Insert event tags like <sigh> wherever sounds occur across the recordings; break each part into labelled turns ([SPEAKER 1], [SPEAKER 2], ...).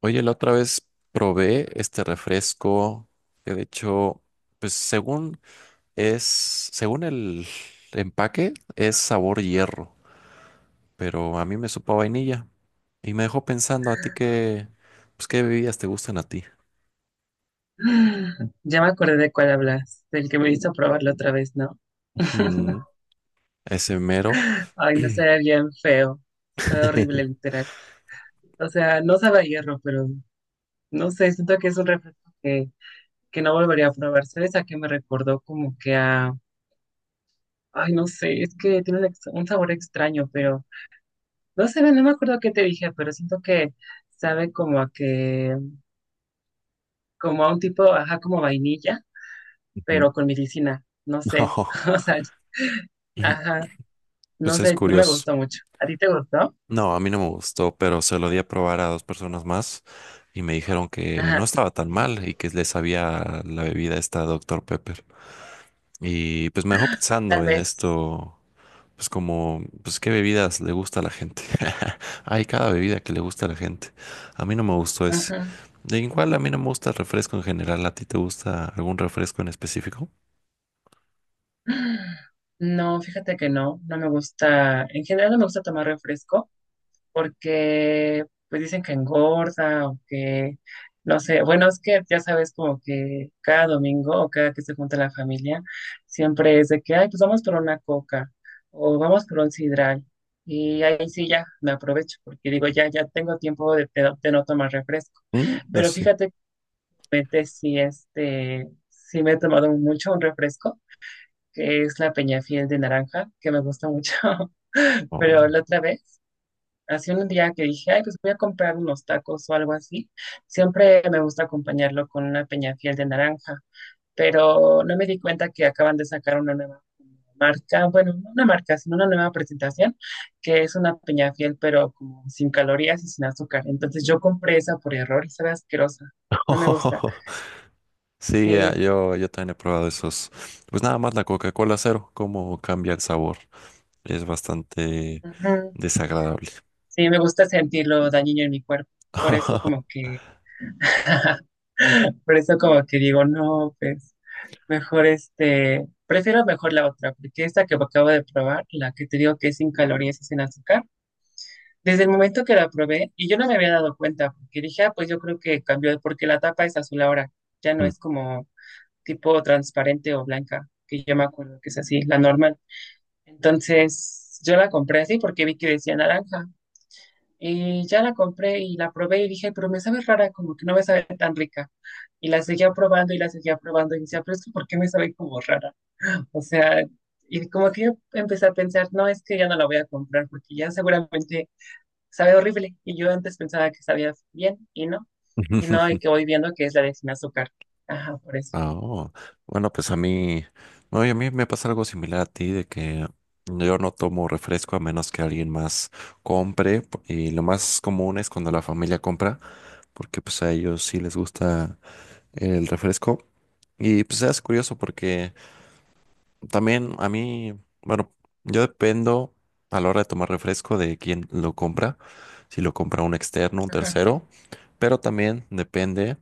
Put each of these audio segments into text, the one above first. [SPEAKER 1] Oye, la otra vez probé este refresco, que de hecho, pues según es, según el empaque, es sabor hierro, pero a mí me supo a vainilla y me dejó pensando a ti qué, pues qué bebidas te gustan a ti.
[SPEAKER 2] Ya me acordé de cuál hablas, del que me hizo probarlo otra vez, ¿no?
[SPEAKER 1] Mm,
[SPEAKER 2] <laughs>
[SPEAKER 1] ese mero. <clears throat>
[SPEAKER 2] Ay,
[SPEAKER 1] Ujú.
[SPEAKER 2] no sabía bien feo, sabe horrible
[SPEAKER 1] <laughs>
[SPEAKER 2] literal. O sea, no sabe a hierro, pero no sé, siento que es un refresco que no volvería a probar. ¿Sabes a qué me recordó? Como que a, ay, no sé, es que tiene un sabor extraño, pero no sé, no me acuerdo qué te dije, pero siento que sabe como a que, como a un tipo, ajá, como vainilla, pero con medicina, no sé,
[SPEAKER 1] No,
[SPEAKER 2] <laughs> o sea,
[SPEAKER 1] ujú.
[SPEAKER 2] ajá. No
[SPEAKER 1] Pues es
[SPEAKER 2] sé, no me
[SPEAKER 1] curioso.
[SPEAKER 2] gustó mucho. ¿A ti te gustó?
[SPEAKER 1] No, a mí no me gustó, pero se lo di a probar a dos personas más y me dijeron que no
[SPEAKER 2] Ajá,
[SPEAKER 1] estaba tan mal y que les sabía la bebida esta doctor Pepper. Y pues me dejó pensando
[SPEAKER 2] tal
[SPEAKER 1] en
[SPEAKER 2] vez.
[SPEAKER 1] esto, pues como, pues qué bebidas le gusta a la gente. <laughs> Hay cada bebida que le gusta a la gente. A mí no me gustó ese.
[SPEAKER 2] Ajá.
[SPEAKER 1] De igual a mí no me gusta el refresco en general. ¿A ti te gusta algún refresco en específico?
[SPEAKER 2] No, fíjate que no, no me gusta. En general no me gusta tomar refresco porque pues dicen que engorda o que no sé. Bueno, es que ya sabes como que cada domingo o cada que se junta la familia siempre es de que, ay, pues vamos por una coca o vamos por un sidral. Y ahí sí ya me aprovecho porque digo, ya, ya tengo tiempo de no tomar refresco.
[SPEAKER 1] Mm, eso
[SPEAKER 2] Pero
[SPEAKER 1] sí.
[SPEAKER 2] fíjate. Realmente sí, sí me he tomado mucho un refresco, que es la Peña Fiel de naranja, que me gusta mucho. <laughs>
[SPEAKER 1] Oh.
[SPEAKER 2] Pero la otra vez, hace un día que dije, ay, pues voy a comprar unos tacos o algo así. Siempre me gusta acompañarlo con una Peña Fiel de naranja, pero no me di cuenta que acaban de sacar una nueva marca, bueno, no una marca, sino una nueva presentación, que es una Peña Fiel, pero como sin calorías y sin azúcar. Entonces yo compré esa por error y sabe asquerosa. No me gusta.
[SPEAKER 1] <laughs> Sí,
[SPEAKER 2] Sí.
[SPEAKER 1] yo también he probado esos. Pues nada más la Coca-Cola cero, cómo cambia el sabor. Es bastante
[SPEAKER 2] Ujú.
[SPEAKER 1] desagradable.
[SPEAKER 2] Sí, me gusta sentirlo dañino en mi cuerpo. Por eso como
[SPEAKER 1] <laughs>
[SPEAKER 2] que, <laughs> por eso como que digo, no, pues mejor, prefiero mejor la otra, porque esta que acabo de probar, la que te digo que es sin calorías y sin azúcar, desde el momento que la probé, y yo no me había dado cuenta, porque dije, ah, pues yo creo que cambió, porque la tapa es azul ahora, ya no
[SPEAKER 1] Mm.
[SPEAKER 2] es como tipo transparente o blanca, que yo me acuerdo que es así, la normal. Entonces, yo la compré así porque vi que decía naranja. Y ya la compré y la probé y dije, pero me sabe rara, como que no me sabe tan rica. Y la seguía probando y la seguía probando y decía, pero es que ¿por qué me sabe como rara? O sea, y como que yo empecé a pensar, no, es que ya no la voy a comprar porque ya seguramente sabe horrible. Y yo antes pensaba que sabía bien y no, y no, y
[SPEAKER 1] <laughs>
[SPEAKER 2] que voy viendo que es la de sin azúcar. Ajá, por eso.
[SPEAKER 1] Ah, oh. Bueno, pues a mí, no, y a mí me pasa algo similar a ti, de que yo no tomo refresco a menos que alguien más compre, y lo más común es cuando la familia compra, porque pues a ellos sí les gusta el refresco. Y pues es curioso porque también a mí, bueno, yo dependo a la hora de tomar refresco de quién lo compra, si lo compra un externo, un
[SPEAKER 2] Ajá.
[SPEAKER 1] tercero, pero también depende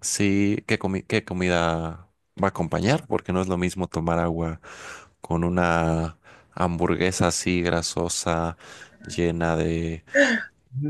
[SPEAKER 1] si qué comida va a acompañar, porque no es lo mismo tomar agua con una hamburguesa así grasosa, llena de,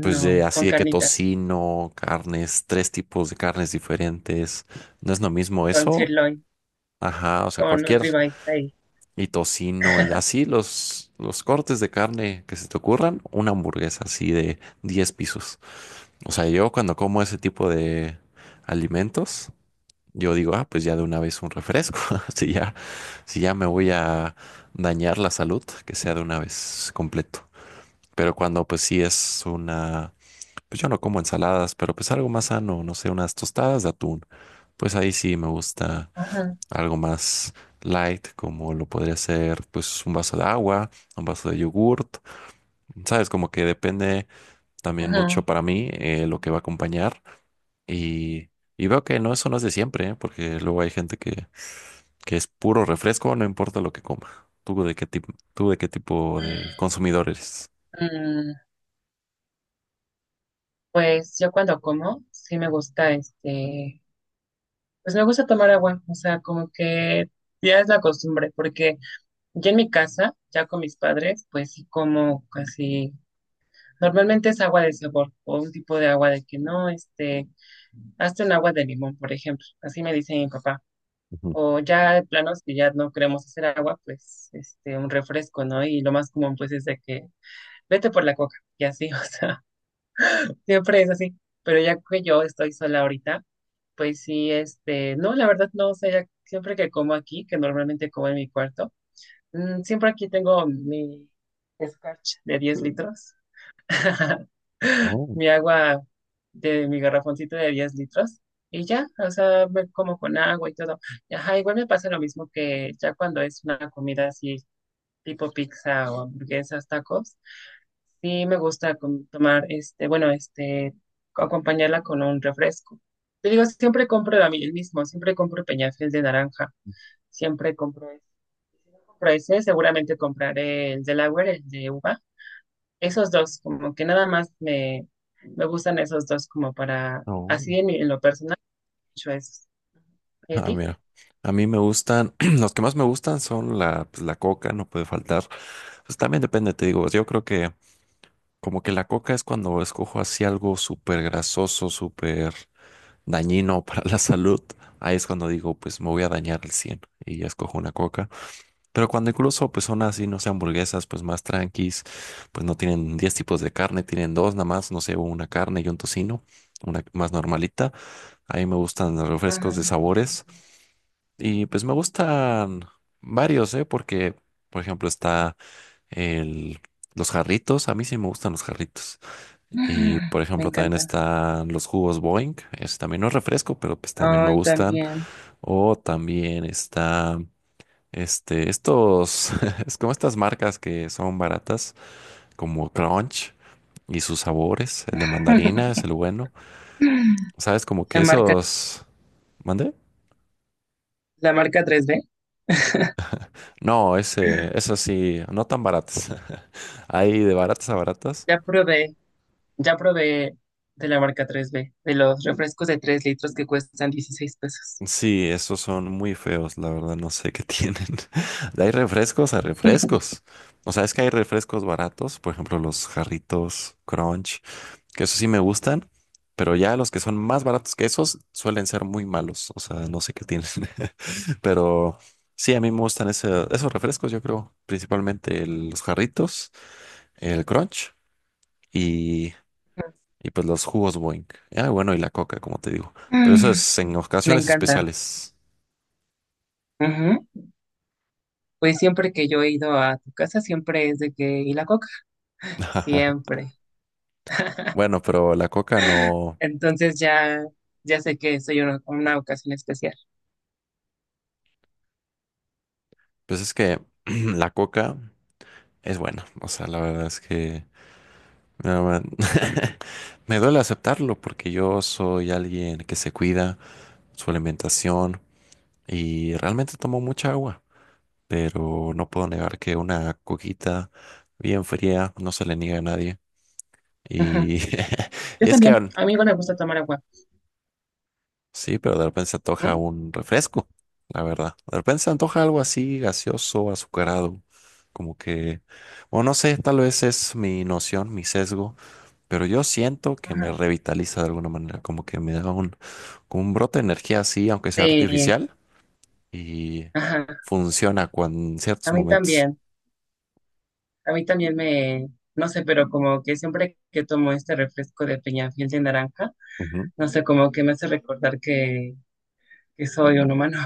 [SPEAKER 1] pues de
[SPEAKER 2] con
[SPEAKER 1] así de que
[SPEAKER 2] carnita,
[SPEAKER 1] tocino, carnes, tres tipos de carnes diferentes. No es lo mismo
[SPEAKER 2] con
[SPEAKER 1] eso.
[SPEAKER 2] sirloin,
[SPEAKER 1] Ajá, o sea,
[SPEAKER 2] con un
[SPEAKER 1] cualquier.
[SPEAKER 2] ribeye ahí.
[SPEAKER 1] Y tocino y así los cortes de carne que se te ocurran, una hamburguesa así de 10 pisos. O sea, yo cuando como ese tipo de alimentos, yo digo, ah, pues ya de una vez un refresco. <laughs> Si ya, si ya me voy a dañar la salud, que sea de una vez completo. Pero cuando pues sí es una, pues yo no como ensaladas, pero pues algo más sano, no sé, unas tostadas de atún. Pues ahí sí me gusta
[SPEAKER 2] Ajá,
[SPEAKER 1] algo más light, como lo podría ser pues un vaso de agua, un vaso de yogurt, sabes, como que depende también
[SPEAKER 2] ajá.
[SPEAKER 1] mucho para mí lo que va a acompañar y, y veo que no, eso no es de siempre, ¿eh? Porque luego hay gente que es puro refresco, no importa lo que coma. Tú de qué tipo de consumidor eres?
[SPEAKER 2] Mm. Pues yo cuando como, sí me gusta, pues me gusta tomar agua, o sea, como que ya es la costumbre, porque ya en mi casa, ya con mis padres, pues sí como casi, normalmente es agua de sabor o un tipo de agua de que no, hazte un agua de limón, por ejemplo, así me dice mi papá.
[SPEAKER 1] Ujú.
[SPEAKER 2] O ya de planos que ya no queremos hacer agua, pues un refresco, ¿no? Y lo más común pues es de que vete por la coca y así, <laughs> o sea. Siempre es así, pero ya que yo estoy sola ahorita, pues sí, no, la verdad no, o sea, ya siempre que como aquí, que normalmente como en mi cuarto, mm, siempre aquí tengo mi Scotch de 10 litros, <laughs>
[SPEAKER 1] Oh,
[SPEAKER 2] mi agua de mi garrafoncito de 10 litros, y ya, o sea, me como con agua y todo. Y ajá, igual me pasa lo mismo que ya cuando es una comida así, tipo pizza o hamburguesas, tacos, sí, me gusta tomar, acompañarla con un refresco. Te digo, siempre compro a mí el mismo, siempre compro Peñafiel de naranja, siempre compro ese. Si no compro ese, seguramente compraré el de Delaware, el de uva. Esos dos, como que nada más me, me gustan esos dos como para,
[SPEAKER 1] oh.
[SPEAKER 2] en lo personal, mucho esos. ¿Y a
[SPEAKER 1] Ah,
[SPEAKER 2] ti?
[SPEAKER 1] mira. A mí me gustan, <clears throat> los que más me gustan son la, pues, la coca, no puede faltar. Pues también depende, te digo, yo creo que como que la coca es cuando escojo así algo súper grasoso, súper dañino <laughs> para la salud. Ahí es cuando digo, pues me voy a dañar al 100 y ya escojo una coca. Pero cuando incluso pues son así, no sé, hamburguesas, pues más tranquis, pues no tienen 10 tipos de carne, tienen dos nada más, no sé, una carne y un tocino, una más normalita. Ahí me gustan los refrescos de
[SPEAKER 2] Ajá.
[SPEAKER 1] sabores y pues me gustan varios, ¿eh? Porque, por ejemplo, está el... Los jarritos, a mí sí me gustan los jarritos. Y por
[SPEAKER 2] <gasps> Me
[SPEAKER 1] ejemplo, también
[SPEAKER 2] encantan.
[SPEAKER 1] están los jugos Boeing. Ese también no es refresco, pero pues también me
[SPEAKER 2] Ay,
[SPEAKER 1] gustan.
[SPEAKER 2] también.
[SPEAKER 1] O también está estos, <laughs> es como estas marcas que son baratas, como Crunch y sus sabores. El de mandarina
[SPEAKER 2] <laughs>
[SPEAKER 1] es el bueno. ¿Sabes? Como que
[SPEAKER 2] La marca,
[SPEAKER 1] esos. ¿Mandé?
[SPEAKER 2] la marca 3B.
[SPEAKER 1] No, ese, eso sí, no tan baratas. <laughs> Hay de baratas a baratas.
[SPEAKER 2] Ya probé. Ya probé de la marca 3B, de los refrescos de 3 litros que cuestan $16.
[SPEAKER 1] Sí, esos son muy feos, la verdad, no sé qué tienen. <laughs> Hay refrescos a refrescos. O sea, es que hay refrescos baratos, por ejemplo, los jarritos Crunch, que esos sí me gustan, pero ya los que son más baratos que esos suelen ser muy malos. O sea, no sé qué tienen. <laughs> Pero sí, a mí me gustan esos refrescos, yo creo, principalmente los jarritos, el Crunch y, y pues los jugos Boing. Ah, bueno, y la Coca, como te digo. Pero eso
[SPEAKER 2] Mm.
[SPEAKER 1] es en
[SPEAKER 2] Me
[SPEAKER 1] ocasiones
[SPEAKER 2] encanta.
[SPEAKER 1] especiales.
[SPEAKER 2] Ujú. Pues siempre que yo he ido a tu casa, siempre es de que, ¿y la coca?
[SPEAKER 1] <laughs>
[SPEAKER 2] Siempre. <laughs>
[SPEAKER 1] Bueno, pero la coca no.
[SPEAKER 2] Entonces ya, ya sé que soy una ocasión especial.
[SPEAKER 1] Pues es que <clears throat> la coca es buena. O sea, la verdad es que no, man, <laughs> me duele aceptarlo porque yo soy alguien que se cuida su alimentación y realmente tomo mucha agua. Pero no puedo negar que una coquita bien fría no se le niega a nadie.
[SPEAKER 2] Ujú.
[SPEAKER 1] Y <laughs>
[SPEAKER 2] Yo
[SPEAKER 1] es que
[SPEAKER 2] también. A mí igual me gusta tomar agua.
[SPEAKER 1] sí, pero de repente se
[SPEAKER 2] ¿No?
[SPEAKER 1] antoja un refresco, la verdad. De repente se antoja algo así gaseoso, azucarado, como que, o no sé, tal vez es mi noción, mi sesgo, pero yo siento que me
[SPEAKER 2] Ajá.
[SPEAKER 1] revitaliza de alguna manera, como que me da un, como un brote de energía así, aunque sea
[SPEAKER 2] Sí.
[SPEAKER 1] artificial, y
[SPEAKER 2] Ajá.
[SPEAKER 1] funciona cuando, en
[SPEAKER 2] A
[SPEAKER 1] ciertos
[SPEAKER 2] mí
[SPEAKER 1] momentos.
[SPEAKER 2] también. A mí también me, no sé, pero como que siempre que tomo este refresco de Peñafiel de naranja,
[SPEAKER 1] Ujú.
[SPEAKER 2] no sé, como que me hace recordar que soy un humano.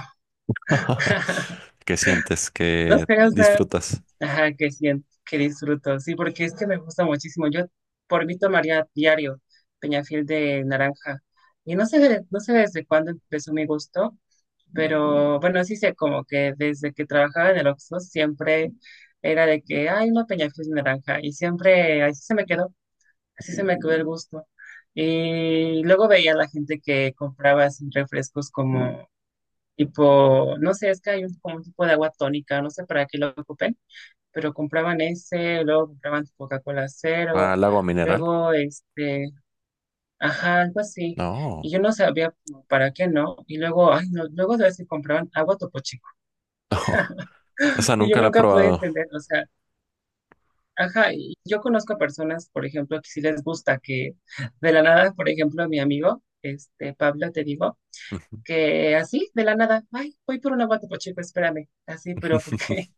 [SPEAKER 1] <laughs>
[SPEAKER 2] <laughs>
[SPEAKER 1] ¿Qué sientes?
[SPEAKER 2] No
[SPEAKER 1] ¿Qué
[SPEAKER 2] sé, o sea,
[SPEAKER 1] disfrutas?
[SPEAKER 2] ajá, que siento, que disfruto. Sí, porque es que me gusta muchísimo. Yo por mí tomaría diario Peñafiel de naranja. Y no sé, no sé desde cuándo empezó mi gusto, pero bueno, sí sé como que desde que trabajaba en el Oxxo siempre era de que hay una Peñafiel de naranja. Y siempre así se me quedó, así se me quedó el gusto. Y luego veía a la gente que compraba así refrescos como tipo, no sé, es que hay un, como un tipo de agua tónica, no sé para qué lo ocupen, pero compraban ese, luego compraban Coca-Cola cero,
[SPEAKER 1] ¿Al agua mineral?
[SPEAKER 2] luego ajá, algo así.
[SPEAKER 1] No,
[SPEAKER 2] Y yo no sabía como para qué no, y luego, ay, no, luego de si compraban agua Topo Chico.
[SPEAKER 1] <laughs>
[SPEAKER 2] <laughs>
[SPEAKER 1] esa
[SPEAKER 2] Y yo
[SPEAKER 1] nunca la he
[SPEAKER 2] nunca pude
[SPEAKER 1] probado.
[SPEAKER 2] entender, o sea, ajá, y yo conozco personas, por ejemplo, que sí les gusta que de la nada, por ejemplo, mi amigo, Pablo, te digo,
[SPEAKER 1] Ujú.
[SPEAKER 2] que así, de la nada, ay, voy por un agua Topo Chico, espérame, así, pero porque.
[SPEAKER 1] <laughs>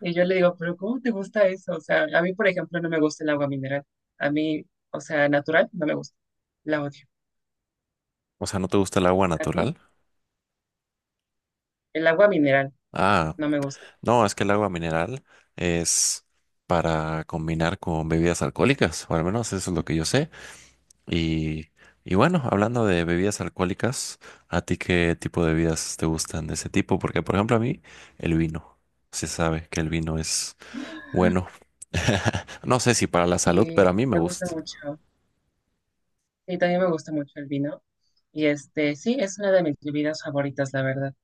[SPEAKER 2] Y yo le digo, pero ¿cómo te gusta eso? O sea, a mí, por ejemplo, no me gusta el agua mineral. A mí, o sea, natural, no me gusta. La odio.
[SPEAKER 1] O sea, ¿no te gusta el agua
[SPEAKER 2] ¿A ti?
[SPEAKER 1] natural?
[SPEAKER 2] El agua mineral,
[SPEAKER 1] Ah,
[SPEAKER 2] no me gusta.
[SPEAKER 1] no, es que el agua mineral es para combinar con bebidas alcohólicas, o al menos eso es lo que yo sé. Y, y bueno, hablando de bebidas alcohólicas, ¿a ti qué tipo de bebidas te gustan de ese tipo? Porque, por ejemplo, a mí el vino. Se sabe que el vino es bueno. <laughs> No sé si para la salud,
[SPEAKER 2] Y
[SPEAKER 1] pero a mí me
[SPEAKER 2] me gusta
[SPEAKER 1] gusta.
[SPEAKER 2] mucho. Y también me gusta mucho el vino. Y sí, es una de mis bebidas favoritas, la verdad.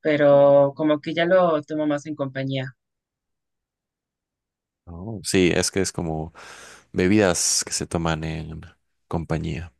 [SPEAKER 2] Pero como que ya lo tomo más en compañía.
[SPEAKER 1] Oh. Sí, es que es como bebidas que se toman en compañía.